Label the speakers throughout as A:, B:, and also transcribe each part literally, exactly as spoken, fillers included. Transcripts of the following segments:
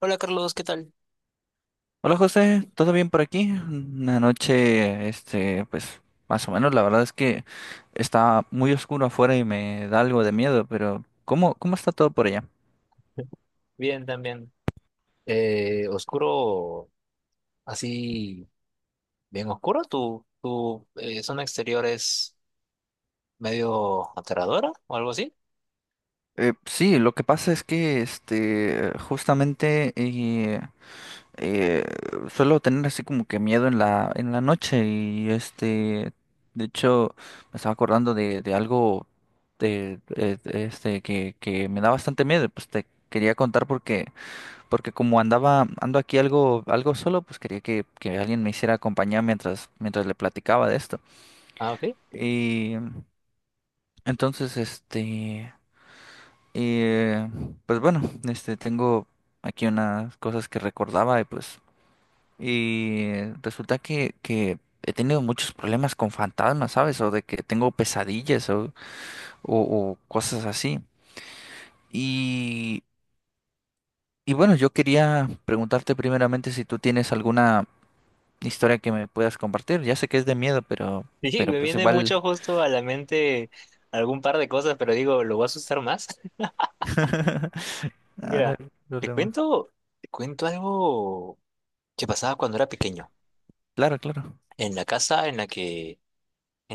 A: Hola Carlos, ¿qué tal?
B: Hola José, ¿todo bien por aquí? Una noche, este, pues más o menos, la verdad es que está muy oscuro afuera y me da algo de miedo, pero ¿cómo, cómo está todo por allá?
A: Bien, también. Eh, oscuro, así, bien oscuro. ¿Tu, tu eh, zona exterior es medio aterradora o algo así?
B: Eh, sí, lo que pasa es que, este, justamente eh, eh, suelo tener así como que miedo en la, en la noche y, este, de hecho, me estaba acordando de, de algo de, de- de este, que, que me da bastante miedo, pues te quería contar porque... porque como andaba, ando aquí algo, algo solo, pues quería que, que alguien me hiciera compañía mientras, mientras le platicaba de esto.
A: Ah, ok.
B: Y entonces, este, eh, pues bueno, este, tengo aquí unas cosas que recordaba y pues, y resulta que, que he tenido muchos problemas con fantasmas, ¿sabes? O de que tengo pesadillas o, o, o cosas así. Y, y bueno, yo quería preguntarte primeramente si tú tienes alguna historia que me puedas compartir. Ya sé que es de miedo, pero,
A: Sí,
B: pero
A: me
B: pues
A: viene
B: igual.
A: mucho justo ante algún par de cosas, pero digo, lo voy a asustar más.
B: Ah, no hay
A: Mira, te
B: problema.
A: cuento, te cuento algo que pasa pequeño.
B: Claro, claro.
A: En la casa, en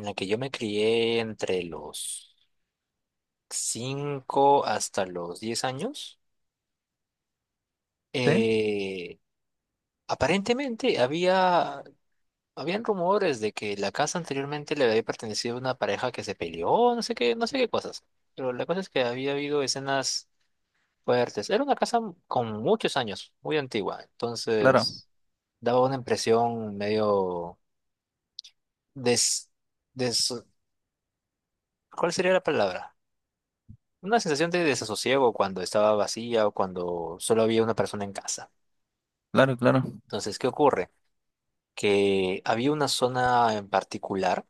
A: la que yo, cinco,
B: Sí,
A: eh, aparentemente había. Habían rumores de que la casa anteriormente le había pertenecido a una pareja que se peleó, no sé qué, no sé qué cosas. Pero la cosa es que había habido escenas fuertes. Era una casa con muchos años, muy antigua.
B: claro,
A: Entonces, daba una impresión medio des, des, ¿cuál sería la palabra? Una sensación de desasosiego cuando estaba vacía o cuando solo había una persona en casa.
B: claro, claro,
A: Entonces, ¿qué ocurre? Que había una zona en particular.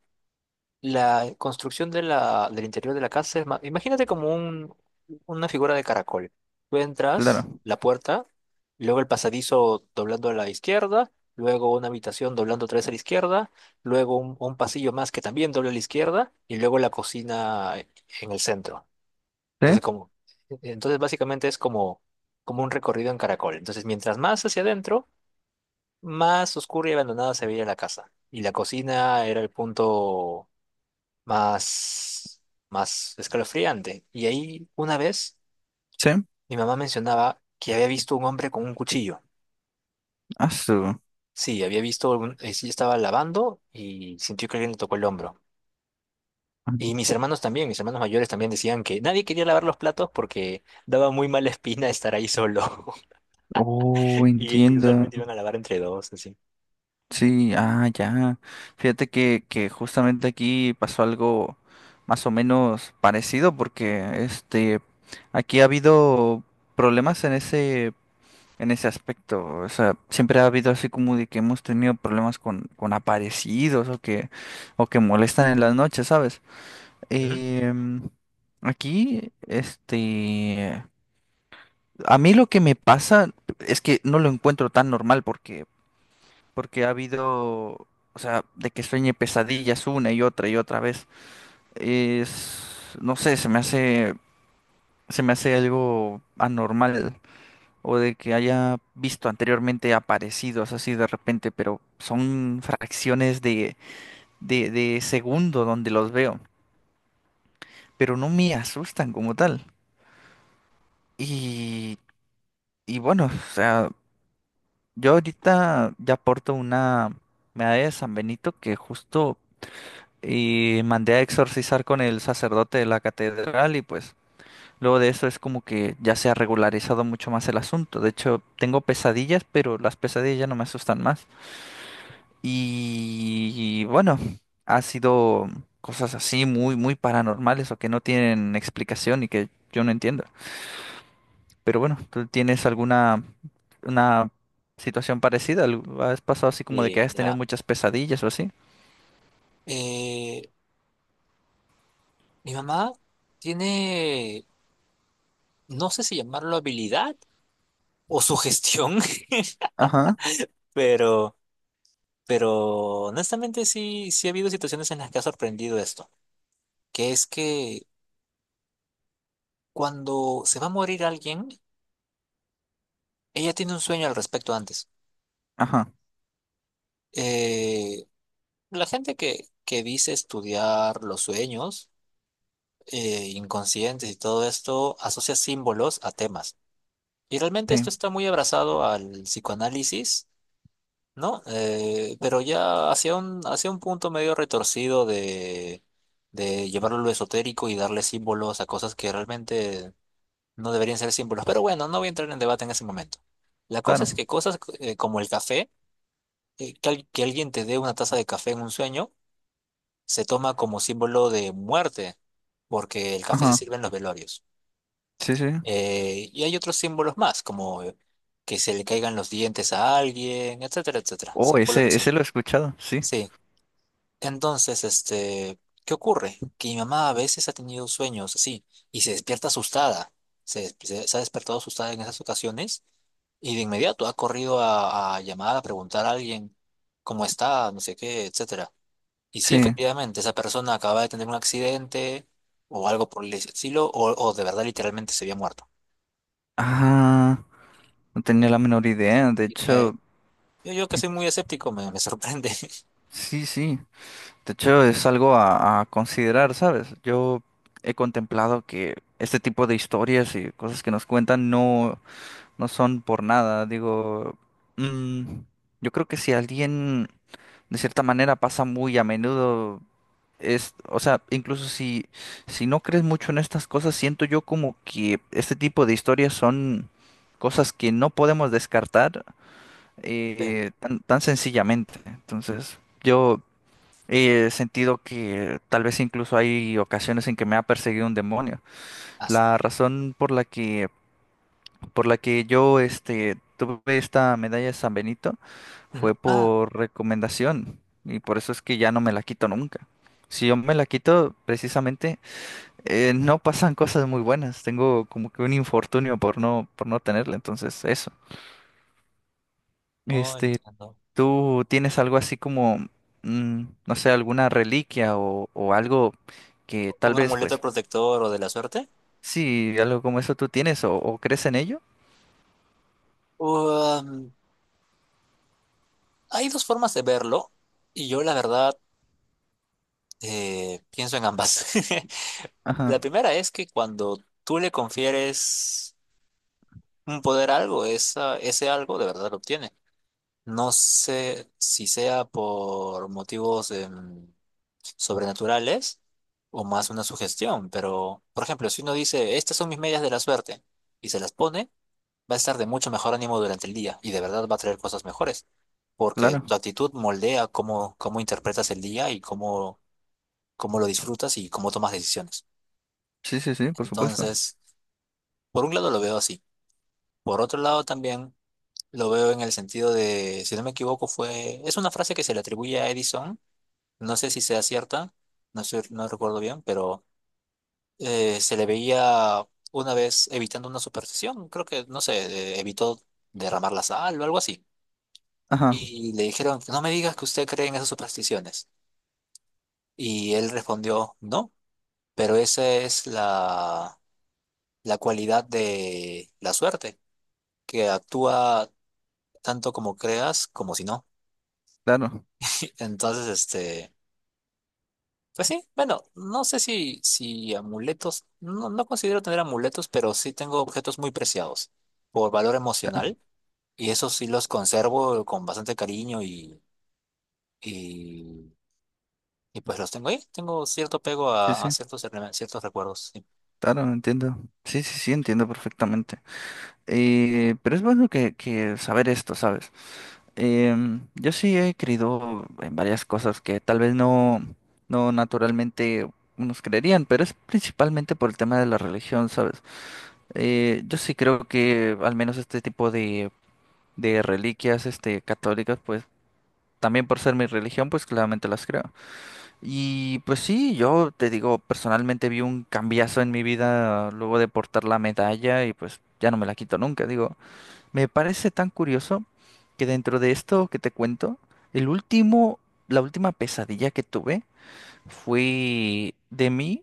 A: La construcción de la, del interior de la casa es ma-. Imagínate como un, una figura de caracol. Tú entras,
B: claro.
A: la puerta, luego el pasadizo doblando a la izquierda, luego una habitación doblando otra vez a la izquierda, luego un, un pasillo más que también dobla a la izquierda y luego la cocina en el centro.
B: Sí,
A: Entonces, como, entonces básicamente es como, como un recorrido en caracol. Entonces, mientras más hacia adentro, más oscura y abandonada se veía la casa. Y la cocina era el punto más, más escalofriante. Y ahí una vez
B: sí.
A: mi mamá mencionaba que había visto un hombre con un cuchillo.
B: Ah, su-
A: Sí, había visto, un, eh, sí estaba lavando y sintió que alguien le tocó el hombro. Y mis hermanos también, mis hermanos mayores también decían que nadie quería lavar los platos porque daba muy mala espina estar ahí solo.
B: Oh,
A: Y, y
B: entiendo.
A: usualmente iban a lavar entre dos, así.
B: Sí, ah, ya. Fíjate que, que justamente aquí pasó algo más o menos parecido porque este aquí ha habido problemas en ese en ese aspecto. O sea, siempre ha habido así como de que hemos tenido problemas con, con aparecidos o que, o que molestan en las noches, ¿sabes?
A: Ujú.
B: Em, aquí, este, a mí lo que me pasa es que no lo encuentro tan normal porque, porque ha habido, o sea, de que sueñe pesadillas una y otra y otra vez. Es, no sé, se me hace, se me hace algo anormal. O de que haya visto anteriormente aparecidos así de repente, pero son fracciones de, de, de segundo donde los veo, pero no me asustan como tal. Y, y bueno, o sea, yo ahorita ya porto una medalla de San Benito que justo eh, mandé a exorcizar con el sacerdote de la catedral y pues... Luego de eso es como que ya se ha regularizado mucho más el asunto. De hecho, tengo pesadillas, pero las pesadillas ya no me asustan más. Y bueno, ha sido cosas así muy, muy paranormales o que no tienen explicación y que yo no entiendo. Pero bueno, ¿tú tienes alguna una situación parecida? ¿Al- ¿Has pasado así como de
A: Y
B: que has tenido
A: mira,
B: muchas pesadillas o así?
A: eh, mi mamá tiene, no sé si llamarlo habilidad o sugestión,
B: Ajá,
A: pero... Pero honestamente sí, sí ha habido situaciones en las que ha sorprendido esto, que es que cuando se va a morir alguien, ella tiene un sueño al respecto antes.
B: ajá,
A: Eh, la gente que, que dice estudiar los sueños eh, inconscientes y todo esto asocia símbolos a temas. Y realmente
B: sí,
A: esto está muy abrazado al psicoanálisis, ¿no? Eh, pero ya hacia un, hacia un punto medio retorcido de de llevarlo a lo esotérico y darle símbolos a cosas que realmente no deberían ser símbolos, pero bueno, no voy a entrar en debate en ese momento. La cosa es
B: claro.
A: que cosas eh, como el café, eh, que, al- que alguien te dé una taza de café en un sueño, se toma como símbolo de muerte, porque el café se
B: Ajá,
A: sirve en los velorios.
B: sí, sí.
A: Eh, y hay otros símbolos más, como eh, que se le caigan los dientes a alguien, etcétera, etcétera.
B: Oh,
A: Símbolos
B: ese,
A: así.
B: ese lo he escuchado, sí.
A: Sí. Entonces, este, ¿qué ocurre? Que mi mamá a veces ha tenido sueños así y se despierta asustada. Se se- se ha despertado asustada en esas ocasiones. Y de inmediato ha corrido a, a llamar a preguntar a alguien cómo está, no sé qué, etcétera. Y sí,
B: Sí.
A: efectivamente, esa persona acaba de tener un accidente o algo por el estilo, o, o de verdad literalmente se había muerto.
B: Ah, no tenía la menor idea. De
A: Y me-
B: hecho,
A: yo, yo que soy muy escéptico, me, me sorprende.
B: sí, sí. De hecho, es algo a, a considerar, ¿sabes? Yo he contemplado que este tipo de historias y cosas que nos cuentan no, no son por nada. Digo, mm, yo creo que si alguien de cierta manera pasa muy a menudo, es, o sea, incluso si, si no crees mucho en estas cosas, siento yo como que este tipo de historias son cosas que no podemos descartar
A: Sí.
B: eh, tan, tan sencillamente. Entonces, yo... he sentido que tal vez incluso hay ocasiones en que me ha perseguido un demonio.
A: Ah, su-
B: La razón por la que, por la que yo este, tuve esta medalla de San Benito
A: ujú.
B: fue
A: Ah,
B: por recomendación y por eso es que ya no me la quito nunca. Si yo me la quito, precisamente, eh, no pasan cosas muy buenas. Tengo como que un infortunio por no, por no tenerla. Entonces, eso.
A: no
B: Este,
A: entiendo.
B: ¿tú tienes algo así como, mm, no sé, alguna reliquia o o algo que tal
A: ¿Un
B: vez
A: amuleto
B: pues
A: protector o de la suerte?
B: sí, algo como eso tú tienes o, o crees en ello.
A: Um, hay dos formas de verlo, y yo la verdad eh, pienso en ambas. La
B: Ajá,
A: primera es que cuando tú le confieres un poder algo, esa, ese algo de verdad lo obtiene. No sé si sea por motivos em, sobrenaturales o más una sugestión, pero por ejemplo, si uno dice, estas son mis medias de la suerte y se las pone, va a estar de mucho mejor ánimo durante el día y de verdad va a traer cosas mejores, porque tu
B: claro.
A: actitud moldea cómo, cómo interpretas el día y cómo, cómo lo disfrutas y cómo tomas decisiones.
B: Sí, sí, sí, por supuesto.
A: Entonces, por un lado lo veo así. Por otro lado también... Lo veo en el sentido de, si no me equivoco, fue, es una frase que se le atribuye a Edison, no sé si sea cierta, no sé, no recuerdo bien, pero eh, se le veía una vez evitando una superstición, creo que, no sé, eh, evitó derramar la sal o algo así.
B: Ajá,
A: Y le dijeron, no me digas que usted cree en esas supersticiones. Y él respondió, no, pero esa es la, la cualidad de la suerte, que actúa tanto como creas como si no.
B: claro,
A: Entonces, este... Pues sí, bueno, no sé si, si amuletos, no, no considero tener amuletos, pero sí tengo objetos muy preciados por valor
B: claro.
A: emocional y esos sí los conservo con bastante cariño y, y, y pues los tengo ahí. Tengo cierto apego
B: Sí,
A: a, a
B: sí,
A: ciertos, rele- ciertos recuerdos. Sí.
B: claro, entiendo. Sí, sí, sí, entiendo perfectamente. Eh, pero es bueno que, que saber esto, ¿sabes? Em, yo sí he creído en varias cosas que tal vez no, no naturalmente nos creerían, pero es principalmente por el tema de la religión, ¿sabes? Eh, yo sí creo que al menos este tipo de, de reliquias, este, católicas, pues también por ser mi religión, pues claramente las creo. Y pues sí, yo te digo, personalmente vi un cambiazo en mi vida luego de portar la medalla y pues ya no me la quito nunca. Digo, me parece tan curioso que dentro de esto que te cuento, el último, la última pesadilla que tuve fue de mí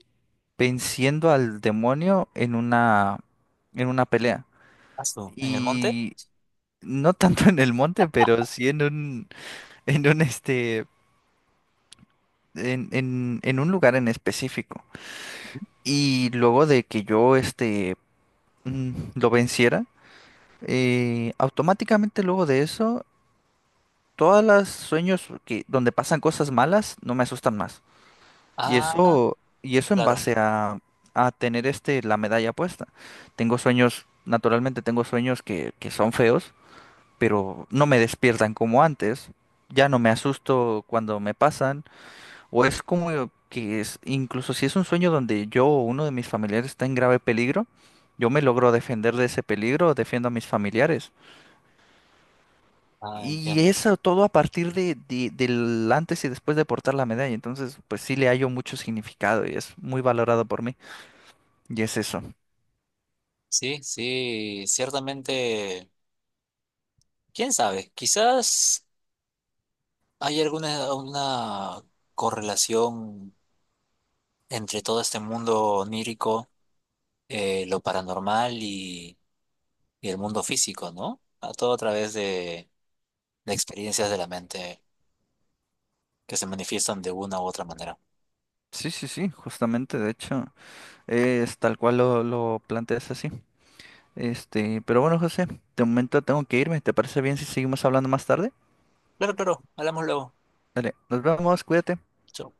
B: venciendo al demonio en una, en una pelea.
A: Ah, su- ¿En el monte?
B: Y no tanto en el monte, pero sí en un, en un este en, en, en un lugar en específico. Y luego de que yo este mm, lo venciera, eh, automáticamente luego de eso, todas las sueños que, donde pasan cosas malas no me asustan más. Y
A: Ah,
B: eso, y eso en
A: claro.
B: base a, a tener este la medalla puesta. Tengo sueños, naturalmente tengo sueños que, que son feos, pero no me despiertan como antes. Ya no me asusto cuando me pasan. O es como que es, incluso si es un sueño donde yo o uno de mis familiares está en grave peligro, yo me logro defender de ese peligro, defiendo a mis familiares.
A: Ah,
B: Y
A: entiendo.
B: eso todo a partir de, de- del antes y después de portar la medalla. Entonces, pues sí le hallo mucho significado y es muy valorado por mí. Y es eso.
A: Sí, sí, ciertamente, quién sabe, quizás hay alguna una correlación entre todo este mundo onírico eh, lo paranormal y, y el mundo físico, ¿no? A todo a través de, de experiencias de la mente que se manifiestan de una u otra manera.
B: Sí, sí, sí, justamente, de hecho, es tal cual lo, lo planteas así. Este, pero bueno, José, de momento tengo que irme. ¿Te parece bien si seguimos hablando más tarde?
A: Claro, claro, hablamos luego.
B: Dale, nos vemos, cuídate.
A: Chao.